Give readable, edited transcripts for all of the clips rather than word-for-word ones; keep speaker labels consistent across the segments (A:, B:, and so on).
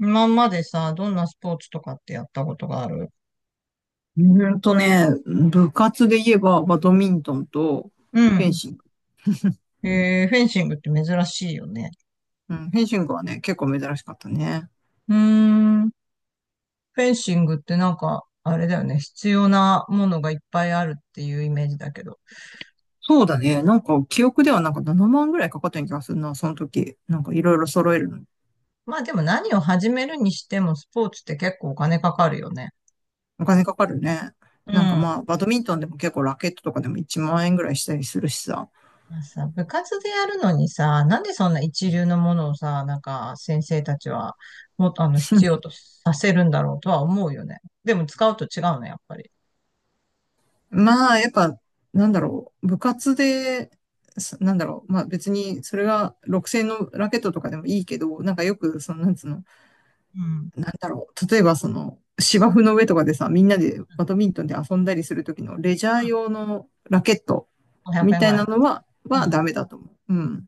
A: 今までさ、どんなスポーツとかってやったことがある？
B: うーんとね、部活で言えばバドミントンと
A: う
B: フェン
A: ん。
B: シング。
A: フェンシングって珍しいよね。
B: うん、フェンシングはね、結構珍しかったね。
A: うーん。フェンシングってなんか、あれだよね。必要なものがいっぱいあるっていうイメージだけど。
B: そうだね。なんか、記憶ではなんか7万ぐらいかかったような気がするな、その時。なんかいろいろ揃えるのに。
A: まあでも何を始めるにしてもスポーツって結構お金かかるよね。
B: お金かかるね。
A: う
B: なんかま
A: ん。
B: あ、バドミントンでも結構ラケットとかでも1万円ぐらいしたりするしさ。
A: まあさ、部活でやるのにさ、なんでそんな一流のものをさ、なんか先生たちはもっとあの必要と させるんだろうとは思うよね。でも使うと違うね、やっぱり。
B: まあ、やっぱ、なんだろう、部活で、なんだろう、まあ別にそれが6000のラケットとかでもいいけど、なんかよく、その、なんつうの、
A: うん。
B: なんだろう。例えばその芝生の上とかでさ、みんなでバドミントンで遊んだりするときのレジャー用のラケット
A: 500
B: み
A: 円
B: た
A: ぐ
B: い
A: らい
B: な
A: のや
B: の
A: つ。
B: は、
A: う
B: はダ
A: ん。
B: メだと思う。うん。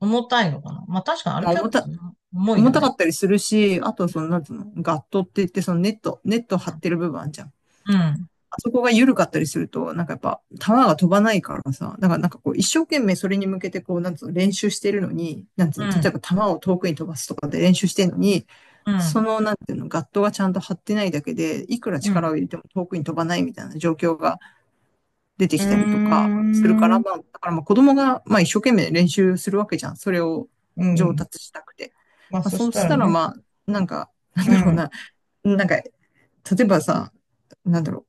A: 重たいのかな。まあ確かにあれ
B: まあ
A: 結構重い
B: 重
A: よ
B: たか
A: ね。
B: ったりするし、あとその、なんつうの、ガットって言ってそのネット張ってる部分あんじゃん。
A: うん、
B: そこが緩かったりすると、なんかやっぱ、球が飛ばないからさ、だからなんかこう、一生懸命それに向けてこう、なんつうの、練習してるのに、なんつう
A: う
B: の、
A: ん、
B: 例えば球を遠くに飛ばすとかで練習してるのに、
A: う
B: そ
A: ん、
B: の、なんていうの、ガットがちゃんと張ってないだけで、いくら
A: う
B: 力
A: ん。
B: を入れても遠くに飛ばないみたいな状況が出て
A: う
B: きたりとかするか
A: んうー
B: ら、
A: ん。
B: まあ、だからまあ子供が、まあ一生懸命練習するわけじゃん。それを
A: う
B: 上
A: ん。
B: 達したくて。
A: まあ
B: まあ
A: そ
B: そ
A: し
B: う
A: た
B: し
A: ら
B: たら
A: ね。
B: まあ、なんか、
A: う
B: な
A: ん、
B: んだろ
A: う
B: う
A: ん、
B: な、なんか、例えばさ、なんだろ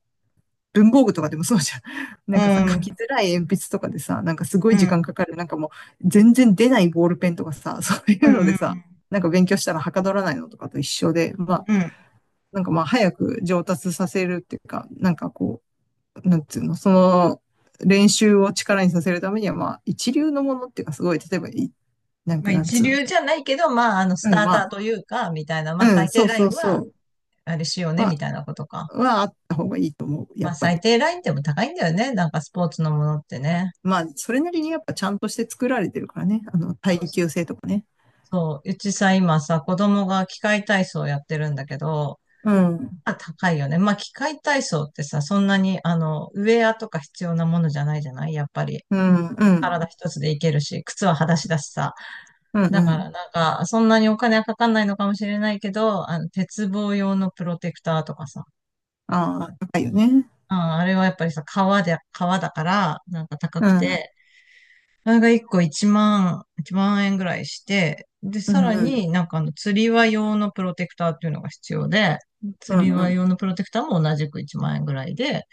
B: う、文房具とかでもそうじゃん。な
A: う
B: んかさ、書
A: ん、
B: きづらい鉛筆とかでさ、なんかすご
A: う
B: い時間
A: ん、
B: かかる。なんかもう全然出ないボールペンとかさ、そうい
A: う
B: うので
A: ん。
B: さ、なんか勉強したらはかどらないのとかと一緒で、まあ、
A: うん。
B: なんかまあ早く上達させるっていうか、なんかこう、なんつうの、その練習を力にさせるためには、まあ一流のものっていうかすごい、例えばい、なん
A: ま
B: か
A: あ
B: なん
A: 一
B: つうの。
A: 流じゃないけど、まああのス
B: う
A: タ
B: ん、
A: ー
B: ま
A: タ
B: あ、
A: ーというか、みたいな、
B: う
A: まあ
B: ん、
A: 最低
B: そう
A: ライ
B: そ
A: ン
B: うそ
A: は
B: う。
A: あれしようね、
B: は、
A: みたいなことか。
B: はあった方がいいと思う、や
A: まあ
B: っぱ
A: 最
B: り。
A: 低ラインでも高いんだよね。なんかスポーツのものってね。
B: まあ、それなりにやっぱちゃんとして作られてるからね。あの、
A: そう
B: 耐
A: そう。
B: 久性とかね。
A: そう。うちさ、今さ、子供が器械体操やってるんだけど、
B: うん。
A: あ、高いよね。まあ、器械体操ってさ、そんなに、あの、ウェアとか必要なものじゃないじゃないやっぱり。
B: うん、う
A: 体
B: ん。
A: 一つでいけるし、靴は裸足だしさ。
B: うん、う
A: だから
B: ん。
A: なんか、そんなにお金はかかんないのかもしれないけど、あの、鉄棒用のプロテクターとかさ。
B: ああ、高いよね。
A: うん、あれはやっぱりさ、革だから、なんか高
B: う
A: く
B: ん。
A: て、あれが1個1万、1万円ぐらいして、で、
B: う
A: さ
B: ん、
A: ら
B: うん。
A: になんかあの、釣り輪用のプロテクターっていうのが必要で、
B: う
A: 釣り
B: ん、う
A: 輪
B: ん。
A: 用のプロテクターも同じく1万円ぐらいで、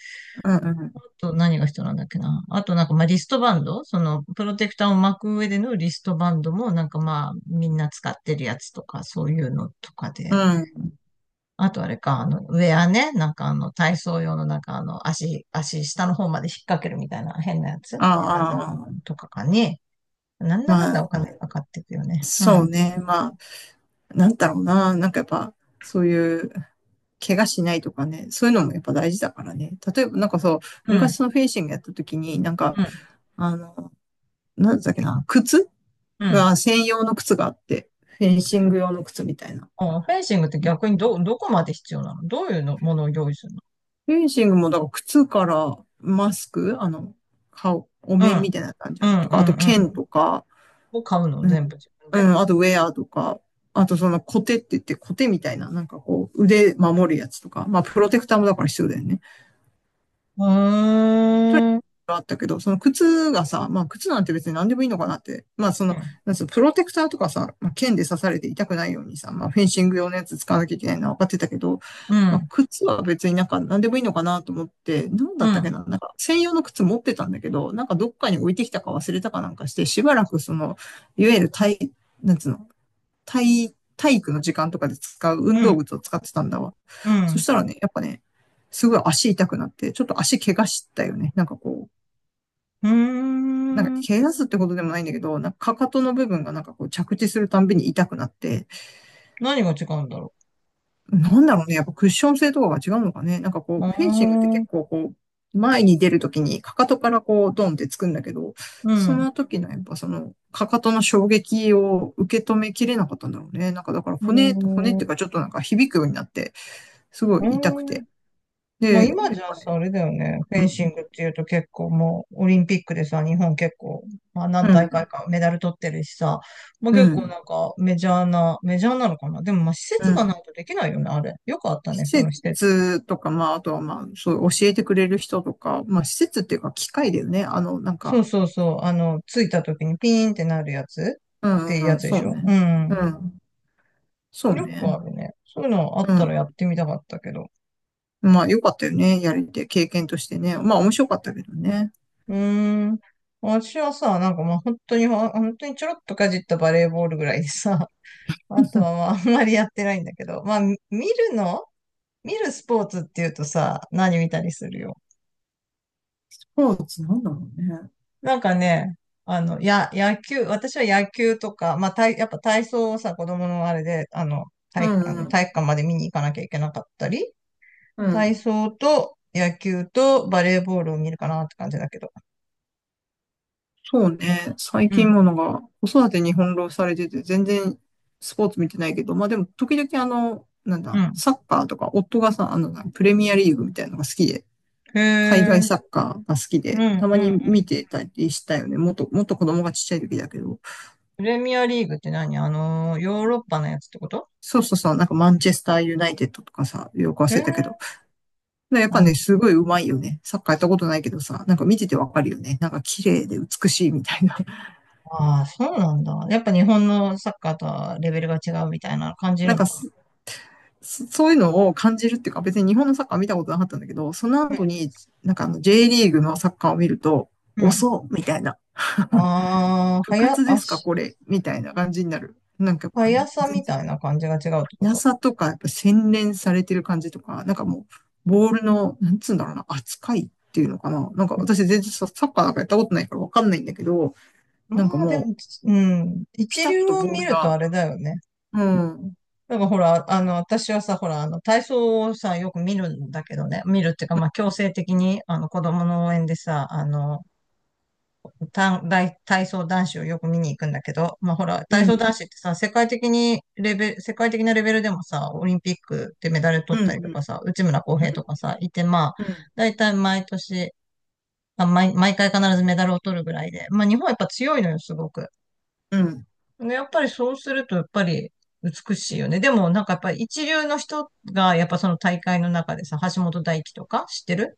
B: うん、うん。
A: と何が必要なんだっけな。あとなんかまあリストバンドそのプロテクターを巻く上でのリストバンドもなんかまあみんな使ってるやつとかそういうのとか
B: う
A: で。
B: ん。
A: あとあれか、あのウェアね。なんかあの体操用のなんかあの足下の方まで引っ掛けるみたいな変なやつ変なやつ
B: ああ、ああ
A: とかかね。なんだかん
B: ま
A: だお
B: あ、
A: 金かかっていくよね。う
B: そう
A: ん。
B: ね。まあ、なんだろうな。なんかやっぱ、そういう、怪我しないとかね、そういうのもやっぱ大事だからね。例えばなんかそう、
A: うん。
B: 昔そのフェンシングやった時に、なん
A: う
B: か、
A: ん。
B: あの、なんだっけな、
A: うん。
B: が専用の靴があって、フェンシング用の靴みたいな。
A: あ、フェンシングって逆にどこまで必要なの？どういうのものを用意するの？
B: フェンシングも、だから靴からマスク、あの、顔、お
A: う
B: 面
A: ん。
B: みたいな感じじ
A: う
B: ゃん。
A: ん。
B: と
A: う
B: か、あと
A: ん。うん。
B: 剣とか、
A: を買うの
B: うん、
A: 全部自分
B: う
A: で？
B: ん、あとウェアとか、あとそのコテって言ってコテみたいな、なんかこう、腕守るやつとか、まあ、プロテクターもだから必要だよね。
A: うーん。うん。
B: だけど、その靴がさ、まあ靴なんて別に何でもいいのかなって、まあその、なんつプロテクターとかさ、まあ、剣で刺されて痛くないようにさ、まあフェンシング用のやつ使わなきゃいけないのは分かってたけど、
A: う
B: まあ
A: ん。
B: 靴は別になんか何でもいいのかなと思って、なんだ
A: う
B: ったっけ
A: ん。
B: な、なんか専用の靴持ってたんだけど、なんかどっかに置いてきたか忘れたかなんかして、しばらくその、いわゆる体、なんつうの、体育の時間とかで使う
A: う
B: 運動
A: ん。
B: 靴を使ってたんだわ。そ
A: う
B: したらね、やっぱね、すごい足痛くなって、ちょっと足怪我したよね。なんかこう、
A: ん。
B: なんか、
A: うーん。
B: 怪我すってことでもないんだけど、なんか、かかとの部分がなんかこう着地するたんびに痛くなって、
A: 何が違うんだろ
B: なんだろうね、やっぱクッション性とかが違うのかね。なんか
A: う。
B: こ
A: う
B: う、フェンシングって
A: ー
B: 結
A: ん。
B: 構こう、前に出るときにかかとからこう、ドンってつくんだけど、
A: う
B: そ
A: ん。う
B: の時のやっぱその、かかとの衝撃を受け止めきれなかったんだろうね。なんかだから
A: ー
B: 骨っ
A: ん。う
B: ていうかちょっとなんか響くようになって、すご
A: ー
B: い痛くて。
A: ん。まあ
B: で、やっ
A: 今じゃ
B: ぱ
A: さ、
B: ね、
A: あれだよね。フ
B: う
A: ェンシ
B: ん、
A: ングっていうと結構もうオリンピックでさ、日本結構、まあ何
B: う
A: 大
B: ん、
A: 会かメダル取ってるしさ、まあ
B: う
A: 結構
B: ん、
A: なんかメジャーな、メジャーなのかな。でもまあ施
B: う
A: 設がな
B: ん。
A: いとできないよね、あれ。よくあったね、そ
B: 施
A: の施設。
B: 設とか、まあ、あとはまあ、そう、教えてくれる人とか、まあ、施設っていうか、機械だよね。あの、なん
A: そ
B: か、
A: うそうそう。あの、着いた時にピーンってなるやつ
B: う
A: って
B: ん
A: いうや
B: うん、
A: つで
B: そ
A: し
B: う
A: ょう
B: ね。う
A: ん。
B: ん、そう
A: よくあ
B: ね。
A: るね。そういうのあっ
B: う
A: たら
B: ん。
A: やってみたかったけど。
B: まあ、よかったよね。やれて、経験としてね。まあ、面白かったけどね。
A: うーん。私はさ、なんかまあ本当に、本当にちょろっとかじったバレーボールぐらいでさ、あ と
B: ス
A: はまああんまりやってないんだけど、まあみ見るの見るスポーツっていうとさ、何見たりするよ。
B: ポーツなんだろうね。
A: なんかね、あの、や、野球、私は野球とか、まあ体、やっぱ体操をさ、子供のあれで、あの、
B: う
A: あ
B: ん
A: の
B: う
A: 体
B: ん、
A: 育館まで見に行かなきゃいけなかったり、
B: う
A: 体
B: ん。
A: 操と野球とバレーボールを見るかなって感じだけど。
B: そうね。最
A: う
B: 近
A: ん。
B: ものが、子育てに翻弄されてて、全然スポーツ見てないけど、まあでも、時々あの、なん
A: う
B: だ、
A: ん。
B: サッカーとか、夫がさ、あの、プレミアリーグみたいなのが好きで、
A: へ
B: 海外サ
A: え、
B: ッカーが好き
A: う
B: で、
A: ん、
B: たま
A: う
B: に
A: ん。
B: 見てたりしたよね。もっと、もっと子供がちっちゃい時だけど。
A: プレミアリーグって何、あの、ヨーロッパのやつってこと？
B: そうそうそう、なんかマンチェスターユナイテッドとかさ、よく
A: へ
B: 忘れ
A: え、
B: たけど。やっぱね、すごい上手いよね。サッカーやったことないけどさ、なんか見ててわかるよね。なんか綺麗で美しいみたいな。
A: ああー、そうなんだ。やっぱ日本のサッカーとはレベルが違うみたいなの感じ
B: な
A: る
B: ん
A: の
B: か
A: か
B: すそういうのを感じるっていうか、別に日本のサッカー見たことなかったんだけど、その
A: な？
B: 後に、なんかあの J リーグのサッカーを見ると、
A: うん、うん。
B: 遅うみたいな。
A: ああ、
B: 部
A: はや、
B: 活で
A: あ
B: すか
A: し、
B: これみたいな感じになる。なんかやっぱ
A: 速
B: ね、
A: さ
B: 全
A: み
B: 然
A: たいな感じが違うってこと？
B: やっぱ洗練されてる感じとか、なんかもう、ボールの、なんつうんだろうな、扱いっていうのかな。なんか
A: うん。
B: 私全然サッカーなんかやったことないからわかんないんだけど、
A: ま
B: なんか
A: あで
B: も
A: も、
B: う、
A: つうん、
B: ピ
A: 一
B: タッ
A: 流
B: と
A: を
B: ボー
A: 見
B: ル
A: ると
B: が、
A: あれだよね。
B: うん、うん、
A: だからほら、あの、私はさ、ほら、あの、体操をさ、よく見るんだけどね、見るっていうか、まあ、強制的に、あの、子供の応援でさ、あの、た大体操男子をよく見に行くんだけど、まあほら、体
B: う
A: 操
B: ん、
A: 男子ってさ、世界的なレベルでもさ、オリンピックでメダル
B: う
A: 取
B: ん、
A: ったりと
B: うん、
A: かさ、内村航平とかさ、いて、まあ、
B: うん、
A: 大体毎年、あ、毎、毎回必ずメダルを取るぐらいで、まあ日本はやっぱ強いのよ、すごく。
B: うん、
A: でやっぱりそうすると、やっぱり美しいよね。でもなんかやっぱり一流の人が、やっぱその大会の中でさ、橋本大輝とか知ってる？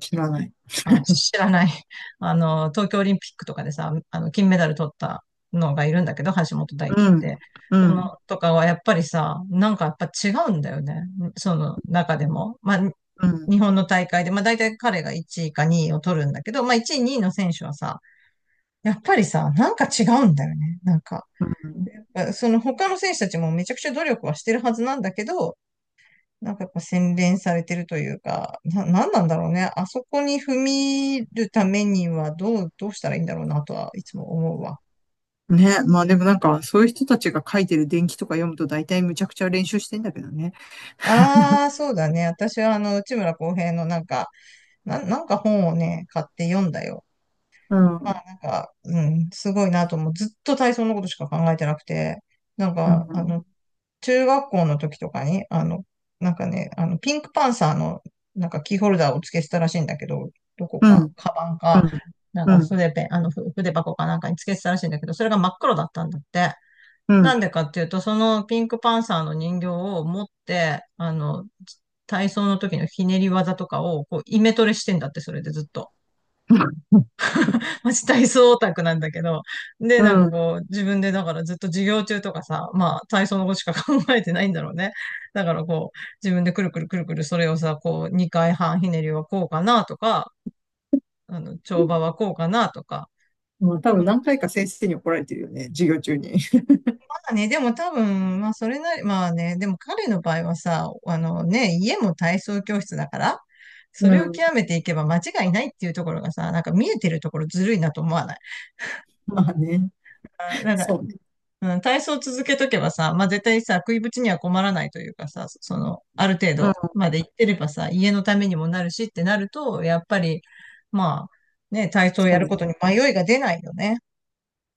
B: 知らない。
A: あ、知らない。あの、東京オリンピックとかでさ、あの、金メダル取ったのがいるんだけど、橋本大
B: う
A: 輝っ
B: ん、
A: て。
B: う
A: そ
B: ん、
A: の、とかはやっぱりさ、なんかやっぱ違うんだよね。その中でも。まあ、
B: う
A: 日
B: ん、
A: 本の大会で、まあ大体彼が1位か2位を取るんだけど、まあ1位、2位の選手はさ、やっぱりさ、なんか違うんだよね。なんか、
B: うん。
A: その他の選手たちもめちゃくちゃ努力はしてるはずなんだけど、なんかやっぱ洗練されてるというか、なんなんだろうね。あそこに踏み入るためにはどうしたらいいんだろうなとはいつも思うわ。
B: ね、まあでもなんか、そういう人たちが書いてる伝記とか読むと大体むちゃくちゃ練習してんだけどね。
A: ああ、そうだね。私はあの、内村航平のなんか、なんか本をね、買って読んだよ。
B: うん、う
A: まあ
B: ん、
A: なんか、うん、すごいなと思う。ずっと体操のことしか考えてなくて、なん
B: う
A: か、あ
B: ん、
A: の、中学校の時とかに、あの、なんかね、あの、ピンクパンサーの、なんかキーホルダーを付けてたらしいんだけど、どこ
B: う
A: か、
B: ん、
A: カバン
B: う
A: か、
B: ん、
A: なんか筆ペン、あの、ふ筆箱かなんかに付けてたらしいんだけど、それが真っ黒だったんだって。
B: う
A: な
B: ん、
A: んでかっていうと、そのピンクパンサーの人形を持って、あの、体操の時のひねり技とかを、こう、イメトレしてんだって、それでずっと。マジ体操オタクなんだけど、で、
B: う
A: なんか
B: ん、
A: こう、自分でだからずっと授業中とかさ、まあ体操のことしか考えてないんだろうね。だからこう、自分でくるくるくるくるそれをさ、こう、2回半ひねりはこうかなとか、あの、跳馬はこうかなとか。
B: まあ、多分
A: ま
B: 何回か先生に怒られてるよね、授業中に。
A: あね、でも多分、まあそれなり、まあね、でも彼の場合はさ、あのね、家も体操教室だから、そ
B: う
A: れを
B: ん。
A: 極めていけば間違いないっていうところがさ、なんか見えてるところずるいなと思わない？
B: まあね。
A: あ、なんか。
B: そうね。
A: うん、体操を続けとけばさ、まあ、絶対さ、食いぶちには困らないというかさ、その、ある程
B: う
A: 度
B: ん。
A: まで行ってればさ、家のためにもなるしってなると、やっぱり、まあ、ね、体操を
B: そ
A: や
B: う
A: る
B: ね。
A: ことに迷いが出ないよね。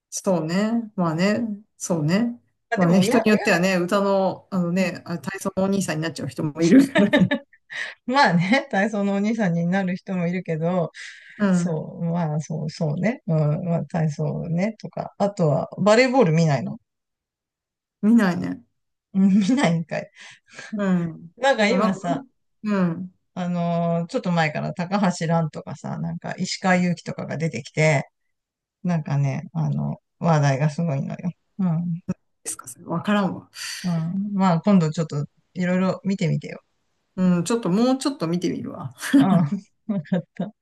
B: そうね。まあね。そうね。
A: あ、
B: ま
A: で
B: あ
A: も
B: ね、
A: 親、
B: 人によっ
A: 親
B: ては
A: が
B: ね、
A: ど
B: 歌の、あのね、
A: う。
B: 体操のお兄さんになっちゃう人もいるからね。
A: うん。 まあね、体操のお兄さんになる人もいるけど、
B: うん。
A: そう、まあ、そう、そうね。うん、まあ、体操ね、とか。あとは、バレーボール見ないの？
B: 見ないね。
A: うん。 見ないんかい。
B: うん。
A: なんか
B: もうなん
A: 今
B: か、う
A: さ、
B: ん。うん
A: ちょっと前から高橋蘭とかさ、なんか石川祐希とかが出てきて、なんかね、あの、話題がすごいのよ。うん。
B: ですか、それ。わからんわ。
A: うん。まあ、今度ちょっといろいろ見てみてよ。
B: うん。ちょっと、もうちょっと見てみるわ。
A: うん。わかった。